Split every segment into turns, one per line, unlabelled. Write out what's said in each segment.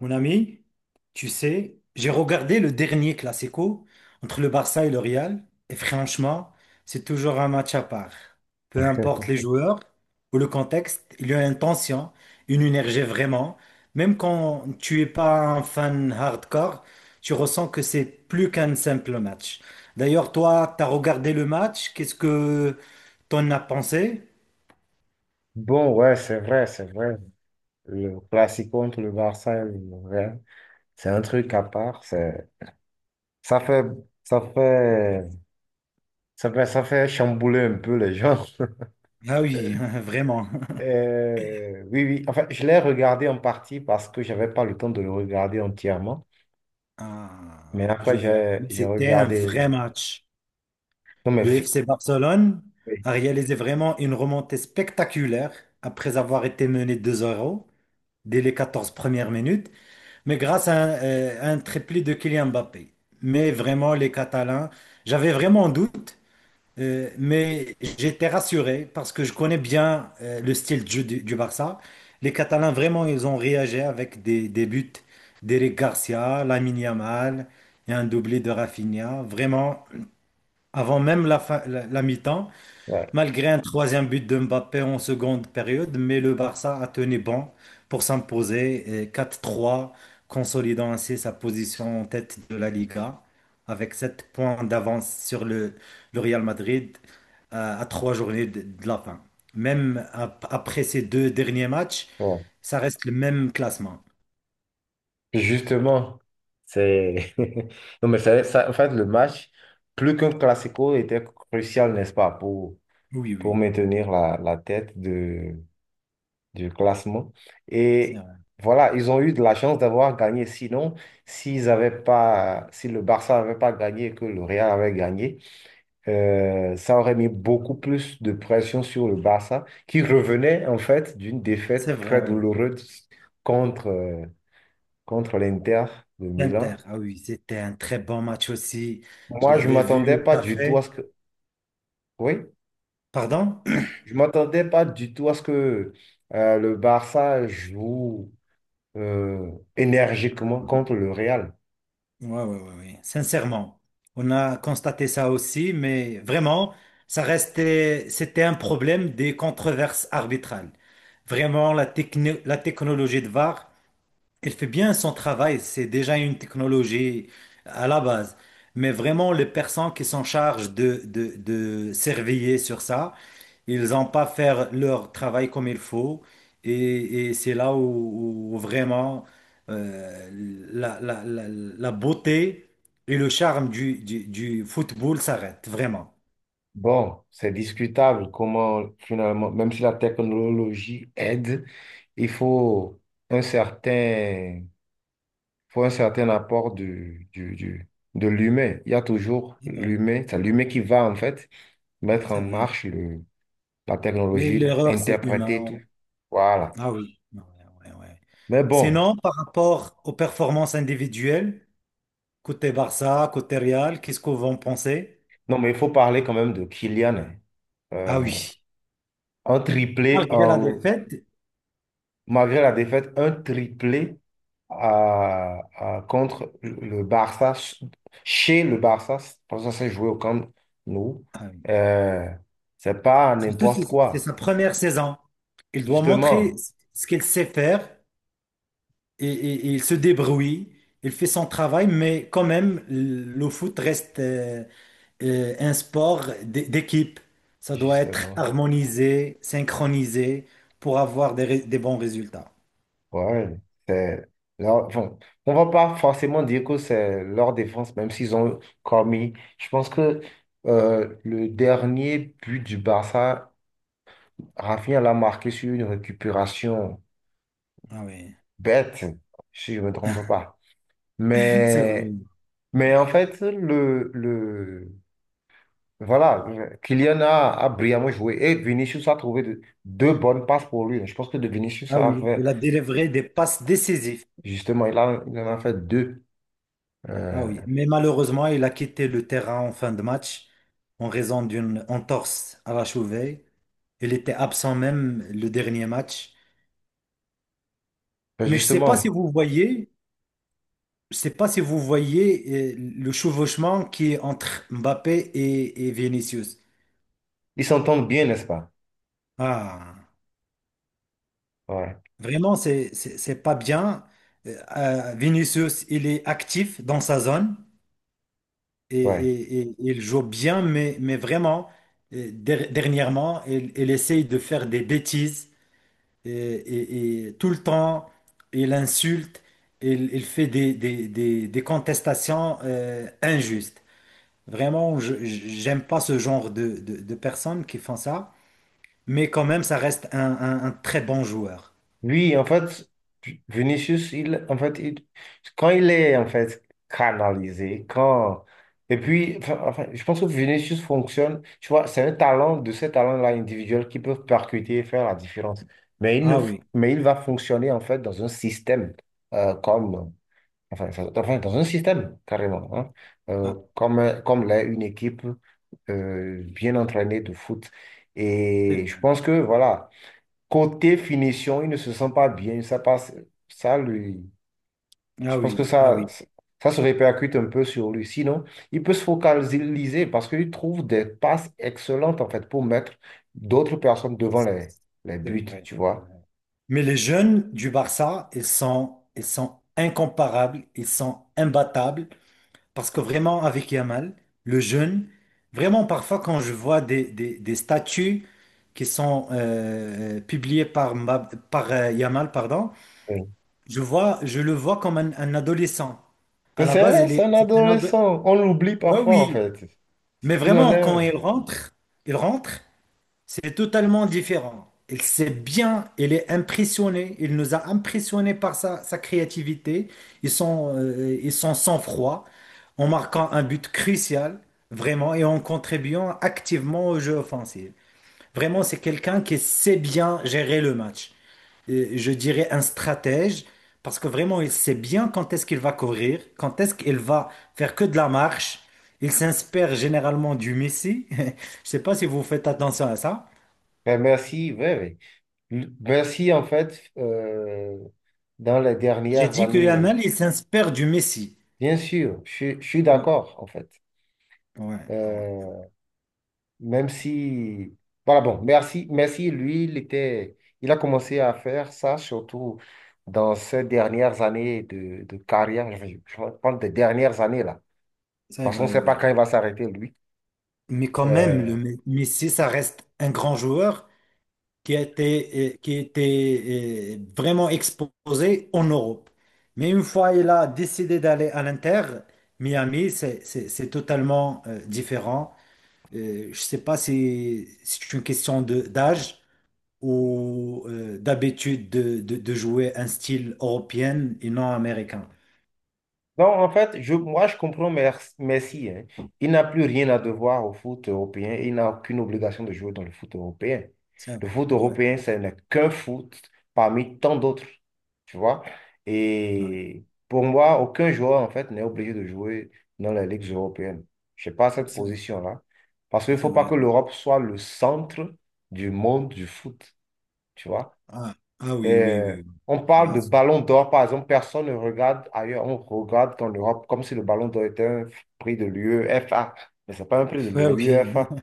Mon ami, tu sais, j'ai regardé le dernier Classico entre le Barça et le Real, et franchement, c'est toujours un match à part. Peu importe les joueurs ou le contexte, il y a une tension, une énergie vraiment. Même quand tu es pas un fan hardcore, tu ressens que c'est plus qu'un simple match. D'ailleurs, toi, tu as regardé le match, qu'est-ce que t'en as pensé?
Bon, ouais, c'est vrai, c'est vrai. Le classico contre le Barça et le Real, c'est un truc à part. Ça fait, ça fait, ça fait chambouler un peu les gens.
Ah oui, vraiment.
Oui, oui. Enfin, je l'ai regardé en partie parce que j'avais pas le temps de le regarder entièrement.
Ah,
Mais après,
je vois.
j'ai,
Mais
j'ai
c'était un
regardé.
vrai match.
Non, mais
Le FC Barcelone
oui,
a réalisé vraiment une remontée spectaculaire après avoir été mené deux 0 dès les 14 premières minutes, mais grâce à un triplé de Kylian Mbappé. Mais vraiment, les Catalans, j'avais vraiment un doute, mais j'étais rassuré parce que je connais bien le style de jeu du Barça. Les Catalans, vraiment, ils ont réagi avec des buts d'Eric Garcia, Lamine Yamal et un doublé de Rafinha. Vraiment, avant même la, fin- la la mi-temps,
ouais,
malgré un troisième but de Mbappé en seconde période, mais le Barça a tenu bon pour s'imposer et 4-3, consolidant ainsi sa position en tête de la Liga, avec 7 points d'avance sur le Real Madrid à 3 journées de la fin. Même après ces deux derniers matchs,
ouais.
ça reste le même classement.
Justement, c'est. Non, mais ça, en fait, le match, plus qu'un classico, était crucial, n'est-ce pas, pour
Oui,
pour
oui.
maintenir la tête du classement.
C'est
Et
vrai,
voilà, ils ont eu de la chance d'avoir gagné. Sinon, s'ils avaient pas, si le Barça n'avait pas gagné et que le Real avait gagné, ça aurait mis beaucoup plus de pression sur le Barça, qui revenait en fait d'une
c'est
défaite
vrai,
très
oui.
douloureuse contre, euh, contre l'Inter de Milan.
L'Inter, ah oui, c'était un très bon match aussi. Je
Moi, je
l'avais vu
m'attendais
au
pas du tout à
café.
ce que. Oui,
Pardon?
je m'attendais pas du tout à ce que le Barça joue euh, énergiquement contre le Real.
Ouais, ouais, ouais, ouais. Sincèrement, on a constaté ça aussi, mais vraiment, ça restait, c'était un problème des controverses arbitrales. Vraiment, la technologie de VAR, elle fait bien son travail. C'est déjà une technologie à la base. Mais vraiment, les personnes qui s'en chargent de surveiller sur ça, ils n'ont pas faire leur travail comme il faut. Et c'est là où vraiment euh, la beauté et le charme du football s'arrêtent, vraiment.
Bon, c'est discutable comment finalement, même si la technologie aide, il faut un certain, un certain apport de l'humain. Il y a toujours
C'est vrai,
l'humain, c'est l'humain qui va en fait mettre
c'est
en
vrai.
marche la
Mais
technologie,
l'erreur, c'est
interpréter
humain.
tout. Voilà.
Ah oui. Ouais, ouais, ouais.
Mais bon.
Sinon, par rapport aux performances individuelles, côté Barça, côté Real, qu'est-ce qu'on va en penser?
Non, mais il faut parler quand même de Kylian, hein.
Ah
Euh,
oui,
un triplé,
malgré la défaite.
malgré la défaite, un triplé contre le Barça, chez le Barça, parce que ça s'est joué au Camp Nou. Euh, c'est pas
Surtout
n'importe
si c'est
quoi.
sa première saison. Il doit montrer
Justement,
ce qu'il sait faire et il se débrouille. Il fait son travail, mais quand même, le foot reste un sport d'équipe. Ça doit être
justement.
harmonisé, synchronisé pour avoir des bons résultats.
Ouais, c'est bon, on va pas forcément dire que c'est leur défense, même s'ils ont commis. Je pense que le dernier but du Barça Rafinha l'a marqué sur une récupération
Ah oui,
bête, si je ne me trompe pas.
c'est vrai.
Mais, mais en fait, voilà, Kylian a brillamment joué et Vinicius a trouvé deux bonnes passes pour lui. Je pense que de Vinicius
Ah
a
oui,
fait,
il a délivré des passes décisives.
justement, il a, il en a fait deux.
Ah
Euh,
oui, mais malheureusement, il a quitté le terrain en fin de match en raison d'une entorse à la cheville. Il était absent même le dernier match.
ben
Mais je sais pas si
justement,
vous voyez, je sais pas si vous voyez le chevauchement qui est entre Mbappé et Vinicius.
ils s'entendent bien, n'est-ce pas?
Ah,
Ouais,
vraiment, c'est pas bien. Vinicius, il est actif dans sa zone et,
ouais.
et- et- il joue bien, mais vraiment, dernièrement, il essaye de faire des bêtises et tout le temps, il insulte, il fait des contestations injustes. Vraiment, j'aime pas ce genre de personnes qui font ça, mais quand même, ça reste un très bon joueur.
Lui en fait, Vinicius, il, en fait, quand il est en fait canalisé, quand et puis, enfin, je pense que Vinicius fonctionne. Tu vois, c'est un talent de ces talents-là individuels qui peuvent percuter et faire la différence. Mais il ne,
Ah oui,
mais il va fonctionner en fait dans un système comme, enfin, enfin, dans un système carrément, hein,
ah,
comme l'est une équipe bien entraînée de foot.
c'est
Et je
vrai.
pense que voilà. Côté finition, il ne se sent pas bien. Ça passe, ça lui, je
Ah
pense que
oui, ah
ça,
oui,
ça se répercute un peu sur lui. Sinon, il peut se focaliser parce qu'il trouve des passes excellentes en fait pour mettre d'autres personnes devant les
c'est
buts,
vrai,
tu
c'est
vois.
vrai. Mais les jeunes du Barça, ils sont incomparables, ils sont imbattables. Parce que vraiment, avec Yamal, le jeune, vraiment parfois quand je vois des statuts qui sont publiés par, Yamal, pardon,
Oui.
je vois, je le vois comme un adolescent. À
Mais
la
c'est
base,
vrai,
il est...
c'est un
c'est un ado-
adolescent. On l'oublie
Ah
parfois en
oui,
fait.
mais
Il en
vraiment,
est
quand
un.
il rentre, il rentre, c'est totalement différent. Il sait bien, il est impressionné, il nous a impressionnés par sa créativité, ils sont et son sang-froid en marquant un but crucial, vraiment, et en contribuant activement au jeu offensif. Vraiment, c'est quelqu'un qui sait bien gérer le match. Et je dirais un stratège, parce que vraiment, il sait bien quand est-ce qu'il va courir, quand est-ce qu'il va faire que de la marche. Il s'inspire généralement du Messi. Je sais pas si vous faites attention à ça.
Ben, merci, ouais, ouais. Merci en fait dans les
J'ai
dernières
dit que
années.
Yamal, il s'inspire du Messi.
Bien sûr, je suis
Ouais,
d'accord en fait.
ouais, ouais.
Euh, Même si, voilà, bon, merci, merci, lui, il était, il a commencé à faire ça surtout dans ces dernières années de carrière, je parle des dernières années là,
C'est
parce qu'on ne
vrai,
sait pas
oui.
quand il va s'arrêter, lui.
Mais quand même,
Euh,
Messi, ça reste un grand joueur qui a été, qui était vraiment exposé en Europe. Mais une fois il a décidé d'aller à l'Inter, Miami, c'est totalement différent. Je ne sais pas si c'est une question de d'âge ou d'habitude de jouer un style européen et non américain.
Non, en fait, moi, je comprends Messi, hein. Il n'a plus rien à devoir au foot européen. Et il n'a aucune obligation de jouer dans le foot européen.
C'est
Le
vrai,
foot
ouais,
européen, ce n'est qu'un foot parmi tant d'autres. Tu vois?
ouais.
Et pour moi, aucun joueur, en fait, n'est obligé de jouer dans les ligues européennes. Je n'ai pas cette
C'est
position-là. Parce qu'il ne
c'est
faut pas
vrai.
que l'Europe soit le centre du monde du foot. Tu vois?
Ah, ah oui, oui,
Euh,
oui, oui.
on parle
Voilà.
de ballon d'or, par exemple, personne ne regarde ailleurs, on regarde qu'en Europe, comme si le ballon d'or était un prix de l'UEFA. Mais ce n'est pas un prix de
Ouais, oui.
l'UEFA.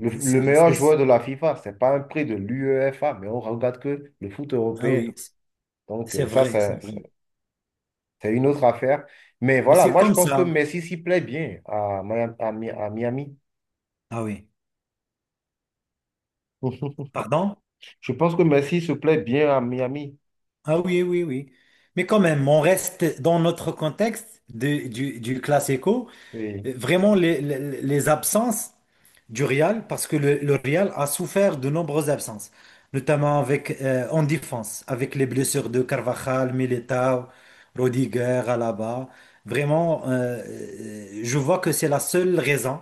Le, le
C'est,
meilleur
c'est-
joueur de la FIFA, ce n'est pas un prix de l'UEFA, mais on regarde que le foot
ah
européen.
oui,
Donc,
c'est
ça,
vrai, c'est vrai.
c'est une autre affaire. Mais
Mais
voilà,
c'est
moi, je
comme
pense que
ça.
Messi s'y plaît bien à Miami. À Miami.
Ah oui. Pardon?
Je pense que Messi se plaît bien à Miami.
Ah oui, oui, oui. Mais quand même, on reste dans notre contexte du classico.
Oui.
Vraiment, les absences du Real, parce que le Real a souffert de nombreuses absences, notamment avec, en défense, avec les blessures de Carvajal, Militao, Rodiger, Alaba. Vraiment, je vois que c'est la seule raison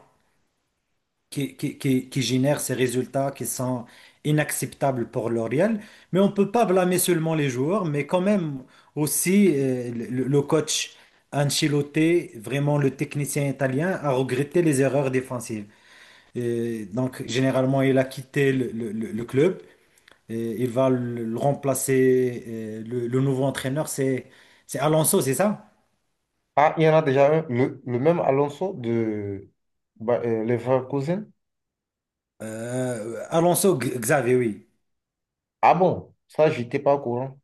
qui génère ces résultats qui sont inacceptables pour L'Oréal. Mais on ne peut pas blâmer seulement les joueurs, mais quand même aussi le coach Ancelotti, vraiment le technicien italien, a regretté les erreurs défensives. Et donc, généralement, il a quitté le club. Et il va le remplacer. Le nouveau entraîneur, c'est Alonso, c'est ça?
Ah, il y en a déjà un, le même Alonso de bah, Leverkusen.
Xavi, oui.
Ah bon, ça, j'étais pas au courant.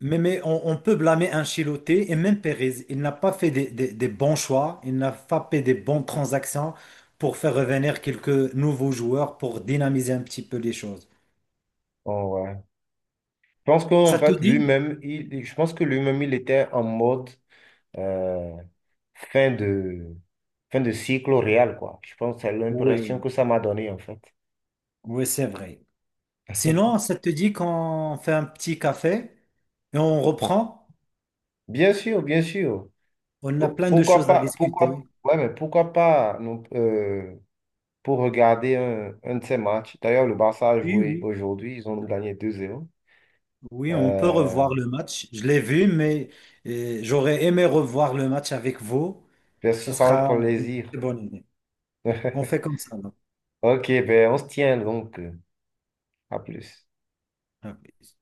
Mais on peut blâmer Ancelotti et même Perez. Il n'a pas fait des bons choix, il n'a pas fait des bonnes transactions pour faire revenir quelques nouveaux joueurs pour dynamiser un petit peu les choses.
Oh ouais. Je pense qu'en
Ça te
fait,
dit?
lui-même, il, je pense que lui-même, il était en mode euh, fin de, fin de cycle au Real, quoi. Je pense que c'est
Oui,
l'impression
oui,
que ça m'a donné, en fait.
oui, c'est vrai. Sinon, ça te dit qu'on fait un petit café et on reprend?
Bien sûr, bien sûr.
On a
Oh,
plein de
pourquoi
choses à
pas,
discuter.
ouais, mais pourquoi pas non, pour regarder un de ces matchs. D'ailleurs, le Barça a
Oui,
joué
oui.
aujourd'hui, ils ont gagné 2-0.
Oui, on peut
Euh,
revoir le match. Je l'ai vu, mais j'aurais aimé revoir le match avec vous.
Je suis
Ça
vraiment
sera
pour le
une
plaisir.
très bonne idée. On fait comme ça, là.
Ok, ben on se tient donc. À plus.
Ah, oui.